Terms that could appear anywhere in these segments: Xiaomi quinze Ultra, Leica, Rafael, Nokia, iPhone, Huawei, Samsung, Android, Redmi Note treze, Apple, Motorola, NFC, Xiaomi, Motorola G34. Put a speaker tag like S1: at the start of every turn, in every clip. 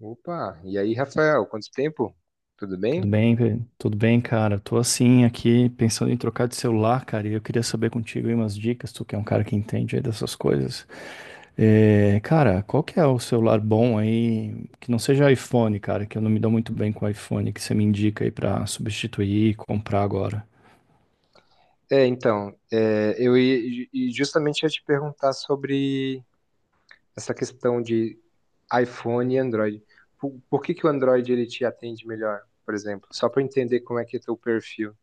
S1: Opa, e aí, Rafael, quanto tempo? Tudo bem?
S2: Tudo bem, tudo bem, cara. Tô assim aqui pensando em trocar de celular, cara, e eu queria saber contigo aí umas dicas, tu que é um cara que entende aí dessas coisas. É, cara, qual que é o celular bom aí, que não seja iPhone, cara, que eu não me dou muito bem com iPhone, que você me indica aí pra substituir e comprar agora?
S1: É, então, e justamente ia te perguntar sobre essa questão de iPhone e Android. Por que que o Android ele te atende melhor, por exemplo? Só para entender como é que é teu perfil.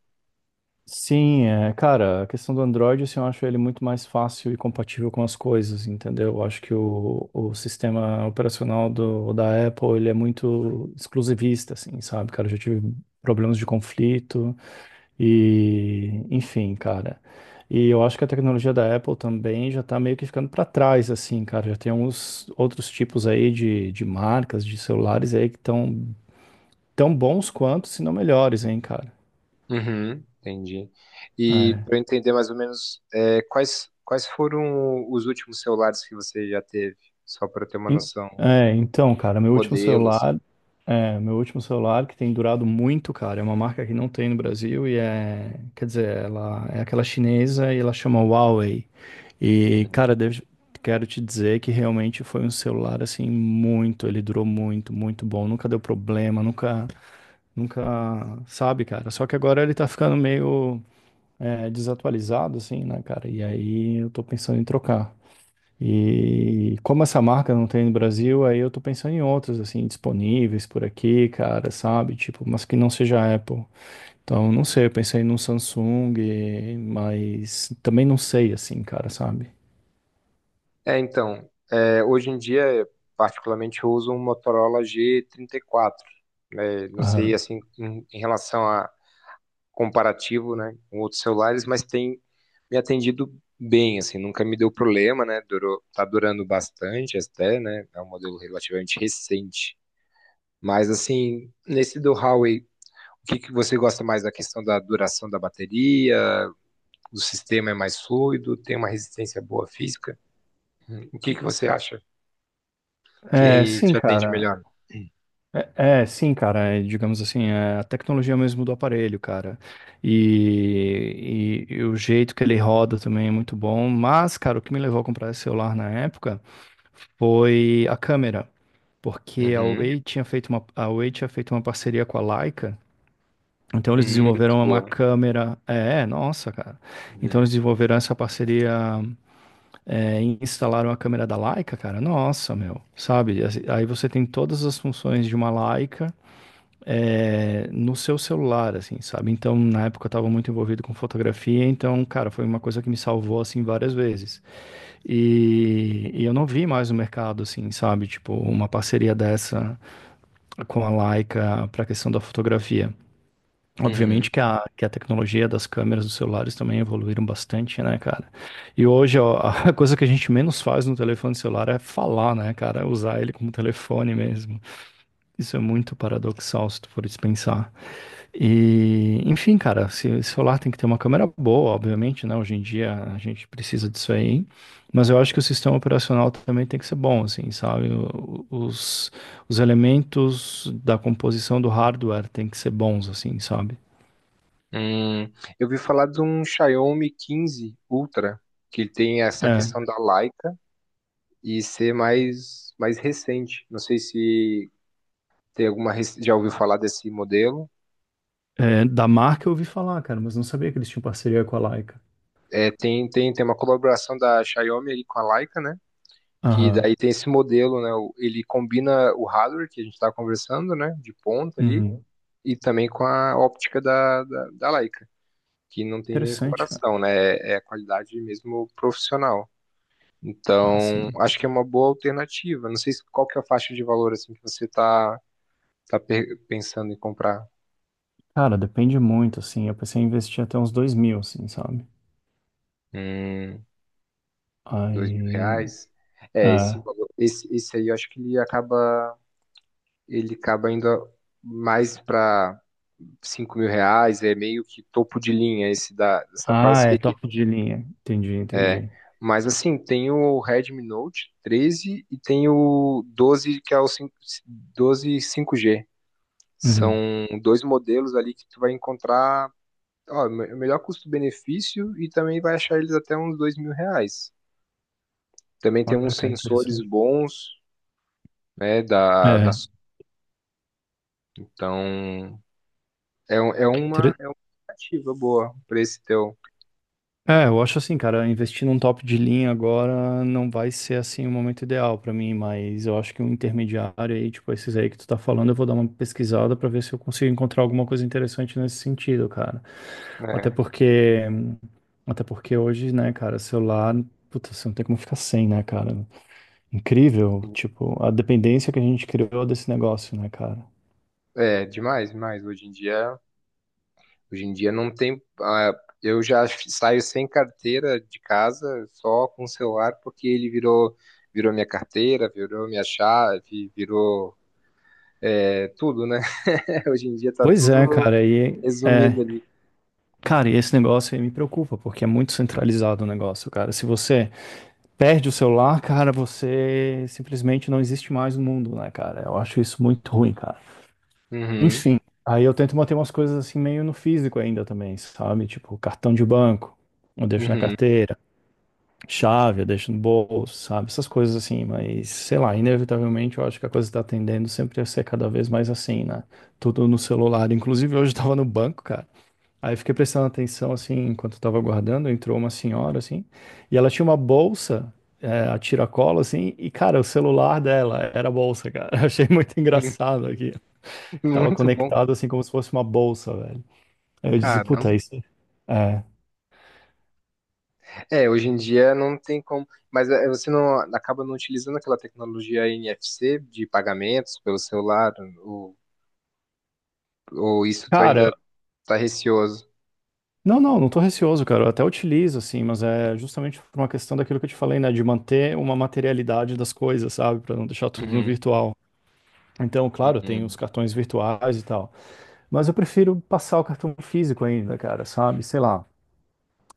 S2: Sim, é, cara, a questão do Android, assim, eu acho ele muito mais fácil e compatível com as coisas, entendeu? Eu acho que o sistema operacional do, da Apple, ele é muito exclusivista, assim, sabe, cara? Eu já tive problemas de conflito e, enfim, cara. E eu acho que a tecnologia da Apple também já tá meio que ficando para trás, assim, cara. Já tem alguns outros tipos aí de marcas, de celulares aí que estão tão bons quanto, se não melhores, hein, cara.
S1: Uhum, entendi. E
S2: É.
S1: para entender mais ou menos quais foram os últimos celulares que você já teve, só para ter uma
S2: En-
S1: noção,
S2: É, então, cara, meu último
S1: modelo, assim.
S2: celular, é, meu último celular que tem durado muito, cara, é uma marca que não tem no Brasil e é, quer dizer, ela é aquela chinesa e ela chama Huawei. E,
S1: Uhum.
S2: cara, quero te dizer que realmente foi um celular assim muito, ele durou muito, muito bom, nunca deu problema, nunca, nunca, sabe, cara. Só que agora ele tá ficando meio é, desatualizado, assim, né, cara? E aí eu tô pensando em trocar. E como essa marca não tem no Brasil, aí eu tô pensando em outras, assim, disponíveis por aqui, cara, sabe? Tipo, mas que não seja a Apple. Então, não sei, eu pensei num Samsung, mas também não sei, assim, cara, sabe?
S1: É, então, hoje em dia, particularmente, eu uso um Motorola G34, né? Não sei,
S2: Aham.
S1: assim, em relação a comparativo, né, com outros celulares, mas tem me atendido bem, assim, nunca me deu problema, né, durou, tá durando bastante até, né, é um modelo relativamente recente. Mas, assim, nesse do Huawei, o que que você gosta mais da questão da duração da bateria? O sistema é mais fluido, tem uma resistência boa física? O que que você acha? Que
S2: É,
S1: aí
S2: sim,
S1: te atende
S2: cara.
S1: melhor.
S2: É, é, sim, cara, é, digamos assim, é a tecnologia mesmo do aparelho, cara. E, e o jeito que ele roda também é muito bom. Mas, cara, o que me levou a comprar esse celular na época foi a câmera. Porque
S1: Uhum,
S2: A Huawei tinha feito uma parceria com a Leica. Então eles
S1: uhum, muito
S2: desenvolveram uma
S1: boa.
S2: câmera. É, nossa, cara. Então eles
S1: Uhum,
S2: desenvolveram essa parceria é, e instalaram a câmera da Leica, cara. Nossa, meu. Sabe? Assim, aí você tem todas as funções de uma Leica é, no seu celular, assim, sabe? Então na época eu tava muito envolvido com fotografia, então, cara, foi uma coisa que me salvou, assim, várias vezes. E eu não vi mais no mercado, assim, sabe? Tipo, uma parceria dessa com a Leica para a questão da fotografia.
S1: uhum.
S2: Obviamente que a tecnologia das câmeras dos celulares também evoluíram bastante, né, cara? E hoje, ó, a coisa que a gente menos faz no telefone celular é falar, né, cara? Usar ele como telefone mesmo. Isso é muito paradoxal se tu for dispensar. E, enfim, cara, se celular tem que ter uma câmera boa, obviamente, né? Hoje em dia a gente precisa disso aí, mas eu acho que o sistema operacional também tem que ser bom, assim, sabe? Os elementos da composição do hardware tem que ser bons, assim, sabe?
S1: Hum, eu vi falar de um Xiaomi 15 Ultra, que ele tem essa
S2: É,
S1: questão da Leica e ser mais recente. Não sei se tem alguma, já ouviu falar desse modelo.
S2: é, da marca eu ouvi falar, cara, mas não sabia que eles tinham parceria com a Leica.
S1: É, tem uma colaboração da Xiaomi ali com a Leica, né? Que
S2: Aham.
S1: daí tem esse modelo, né? Ele combina o hardware que a gente está conversando, né? De ponta ali,
S2: Uhum.
S1: e também com a óptica da, da Leica. Que não tem nem
S2: Interessante, cara.
S1: comparação, né? É a qualidade mesmo profissional.
S2: Ah,
S1: Então,
S2: sim.
S1: acho que é uma boa alternativa. Não sei qual que é a faixa de valor assim que você tá pensando em comprar.
S2: Cara, depende muito, assim. Eu pensei em investir até uns 2.000, assim, sabe?
S1: Hum, dois mil
S2: Aí.
S1: reais. É, esse
S2: É.
S1: valor, esse aí eu acho que ele acaba indo mais para R$ 5.000, é meio que topo de linha esse da, dessa
S2: Ah, é
S1: parceria.
S2: topo de linha. Entendi,
S1: É,
S2: entendi.
S1: mas assim, tem o Redmi Note 13 e tem o 12, que é o 5, 12 5G.
S2: Uhum.
S1: São dois modelos ali que tu vai encontrar, ó, melhor custo-benefício e também vai achar eles até uns R$ 2.000. Também tem
S2: Olha,
S1: uns
S2: cara,
S1: sensores
S2: interessante.
S1: bons, né, da, da...
S2: É,
S1: Então, é, é uma,
S2: intere-
S1: é uma alternativa boa pra esse teu,
S2: é, eu acho assim, cara, investir num top de linha agora não vai ser assim o momento ideal pra mim, mas eu acho que um intermediário aí, tipo esses aí que tu tá falando, eu vou dar uma pesquisada pra ver se eu consigo encontrar alguma coisa interessante nesse sentido, cara. Até
S1: né?
S2: porque, até porque hoje, né, cara, celular, puta, você não tem como ficar sem, né, cara? Incrível, tipo, a dependência que a gente criou desse negócio, né, cara?
S1: É, demais, demais. Hoje em dia não tem. Ah, eu já saio sem carteira de casa, só com o celular, porque ele virou minha carteira, virou minha chave, virou tudo, né? Hoje em dia tá
S2: Pois
S1: tudo
S2: é,
S1: resumido ali.
S2: cara, e esse negócio aí me preocupa, porque é muito centralizado o negócio, cara. Se você perde o celular, cara, você simplesmente não existe mais no mundo, né, cara? Eu acho isso muito ruim, cara.
S1: Uhum,
S2: Enfim, aí eu tento manter umas coisas assim meio no físico ainda também, sabe? Tipo, cartão de banco, eu deixo na
S1: uhum.
S2: carteira, chave, eu deixo no bolso, sabe? Essas coisas assim, mas sei lá, inevitavelmente eu acho que a coisa tá tendendo sempre a ser cada vez mais assim, né? Tudo no celular. Inclusive, hoje eu tava no banco, cara. Aí eu fiquei prestando atenção, assim, enquanto eu tava aguardando, entrou uma senhora, assim, e ela tinha uma bolsa, é, a tiracolo, assim, e, cara, o celular dela era a bolsa, cara. Eu achei muito engraçado aqui, que tava
S1: Muito bom.
S2: conectado, assim, como se fosse uma bolsa, velho. Aí eu disse,
S1: Caramba.
S2: puta, isso é... É.
S1: É, hoje em dia não tem como. Mas é, você não acaba não utilizando aquela tecnologia NFC de pagamentos pelo celular, ou, ou isso tu
S2: Cara,
S1: ainda tá receoso.
S2: não, não, não tô receoso, cara, eu até utilizo, assim, mas é justamente por uma questão daquilo que eu te falei, né, de manter uma materialidade das coisas, sabe, pra não deixar tudo no
S1: Uhum,
S2: virtual. Então, claro, tem
S1: uhum,
S2: os cartões virtuais e tal. Mas eu prefiro passar o cartão físico ainda, cara, sabe? Sei lá.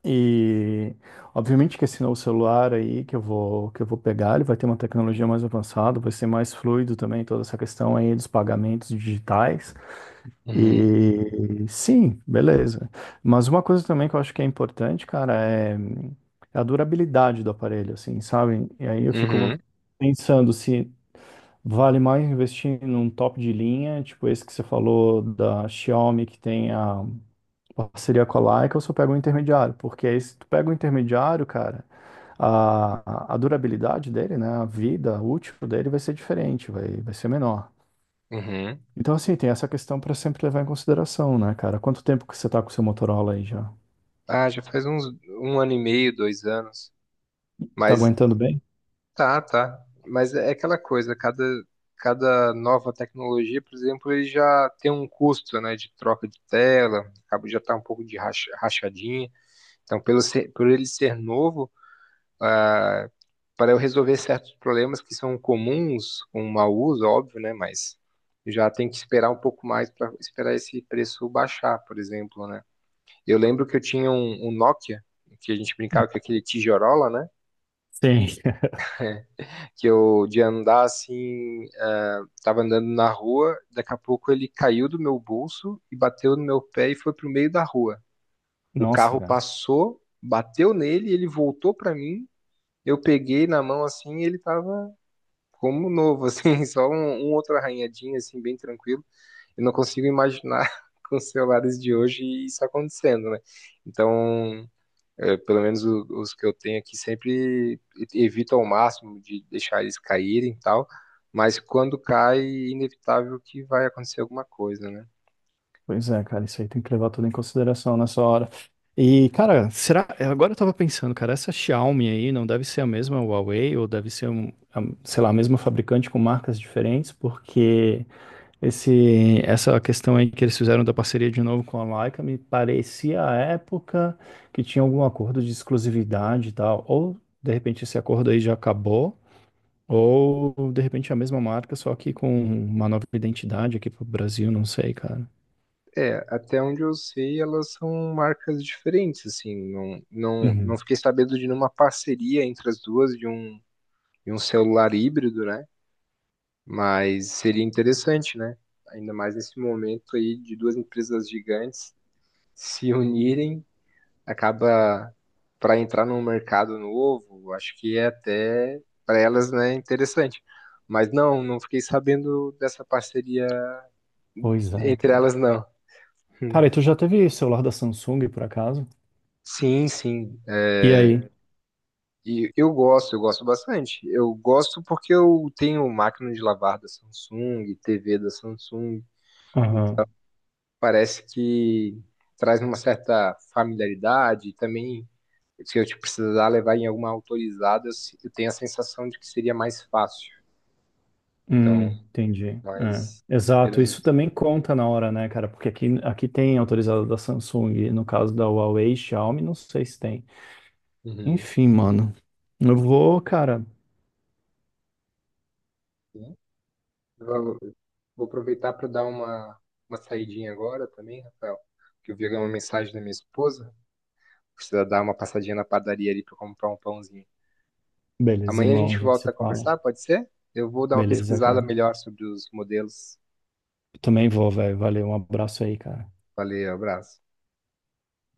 S2: E obviamente que esse novo celular aí que eu vou pegar, ele vai ter uma tecnologia mais avançada, vai ser mais fluido também toda essa questão aí dos pagamentos digitais.
S1: uhum.
S2: E sim, beleza. Mas uma coisa também que eu acho que é importante, cara, é a durabilidade do aparelho, assim, sabe? E aí eu fico
S1: Uhum,
S2: pensando se vale mais investir num top de linha, tipo esse que você falou da Xiaomi, que tem a, parceria com a Leica ou se eu pego um intermediário, porque aí se tu pega um intermediário, cara, a durabilidade dele, né, a vida útil dele vai ser diferente, vai ser menor.
S1: uhum.
S2: Então, assim, tem essa questão para sempre levar em consideração, né, cara? Quanto tempo que você tá com o seu Motorola aí já?
S1: Ah, já faz uns um ano e meio, 2 anos.
S2: Tá
S1: Mas
S2: aguentando bem?
S1: tá, tá. Mas é aquela coisa, cada nova tecnologia, por exemplo, ele já tem um custo, né, de troca de tela, acaba já tá um pouco de rachadinha. Então, por ele ser novo, ah, para eu resolver certos problemas que são comuns com o mau uso, óbvio, né, mas já tem que esperar um pouco mais para esperar esse preço baixar, por exemplo, né? Eu lembro que eu tinha um Nokia, que a gente brincava com aquele tijorola, né?
S2: Sim.
S1: Que eu de andar assim, tava andando na rua, daqui a pouco ele caiu do meu bolso e bateu no meu pé e foi pro meio da rua. O
S2: Nossa,
S1: carro
S2: cara.
S1: passou, bateu nele, ele voltou pra mim, eu peguei na mão assim e ele tava como novo, assim, só um outro arranhadinho, assim, bem tranquilo. Eu não consigo imaginar com os celulares de hoje isso acontecendo, né? Então, é, pelo menos os que eu tenho aqui sempre evito ao máximo de deixar eles caírem e tal, mas quando cai, é inevitável que vai acontecer alguma coisa, né?
S2: Pois é, cara, isso aí tem que levar tudo em consideração nessa hora. E, cara, será? Agora eu tava pensando, cara, essa Xiaomi aí não deve ser a mesma Huawei ou deve ser, um, sei lá, a mesma fabricante com marcas diferentes, porque esse, essa questão aí que eles fizeram da parceria de novo com a Leica me parecia à época que tinha algum acordo de exclusividade e tal, ou de repente esse acordo aí já acabou. Ou de repente é a mesma marca, só que com uma nova identidade aqui pro Brasil, não sei, cara.
S1: É, até onde eu sei, elas são marcas diferentes, assim, não, não, não fiquei sabendo de nenhuma parceria entre as duas de um, celular híbrido, né? Mas seria interessante, né? Ainda mais nesse momento aí de duas empresas gigantes se unirem acaba para entrar num mercado novo, acho que é até para elas, né, interessante. Mas não, não fiquei sabendo dessa parceria
S2: Pois é,
S1: entre
S2: cara.
S1: elas, não.
S2: Cara, e tu já teve celular da Samsung, por acaso?
S1: Sim, sim.
S2: E
S1: É,
S2: aí?
S1: e eu gosto bastante. Eu gosto porque eu tenho máquina de lavar da Samsung, TV da Samsung.
S2: Aham.
S1: Parece que traz uma certa familiaridade. E também, se eu te precisar levar em alguma autorizada, eu se- eu tenho a sensação de que seria mais fácil. Então,
S2: Entendi. É.
S1: mas
S2: Exato,
S1: tirando
S2: isso
S1: isso.
S2: também conta na hora, né, cara? Porque aqui, aqui tem autorizado da Samsung, no caso da Huawei, Xiaomi, não sei se tem.
S1: Uhum.
S2: Enfim, mano. Eu vou, cara.
S1: Sim. Vou, vou aproveitar para dar uma saidinha agora também, Rafael, que eu vi uma mensagem da minha esposa. Precisa dar uma passadinha na padaria ali para comprar um pãozinho.
S2: Beleza,
S1: Amanhã a
S2: irmão, a
S1: gente
S2: gente
S1: volta
S2: se
S1: a
S2: fala.
S1: conversar, pode ser? Eu vou dar uma
S2: Beleza,
S1: pesquisada
S2: cara.
S1: melhor sobre os modelos.
S2: Eu também vou, velho. Valeu, um abraço aí, cara.
S1: Valeu, abraço.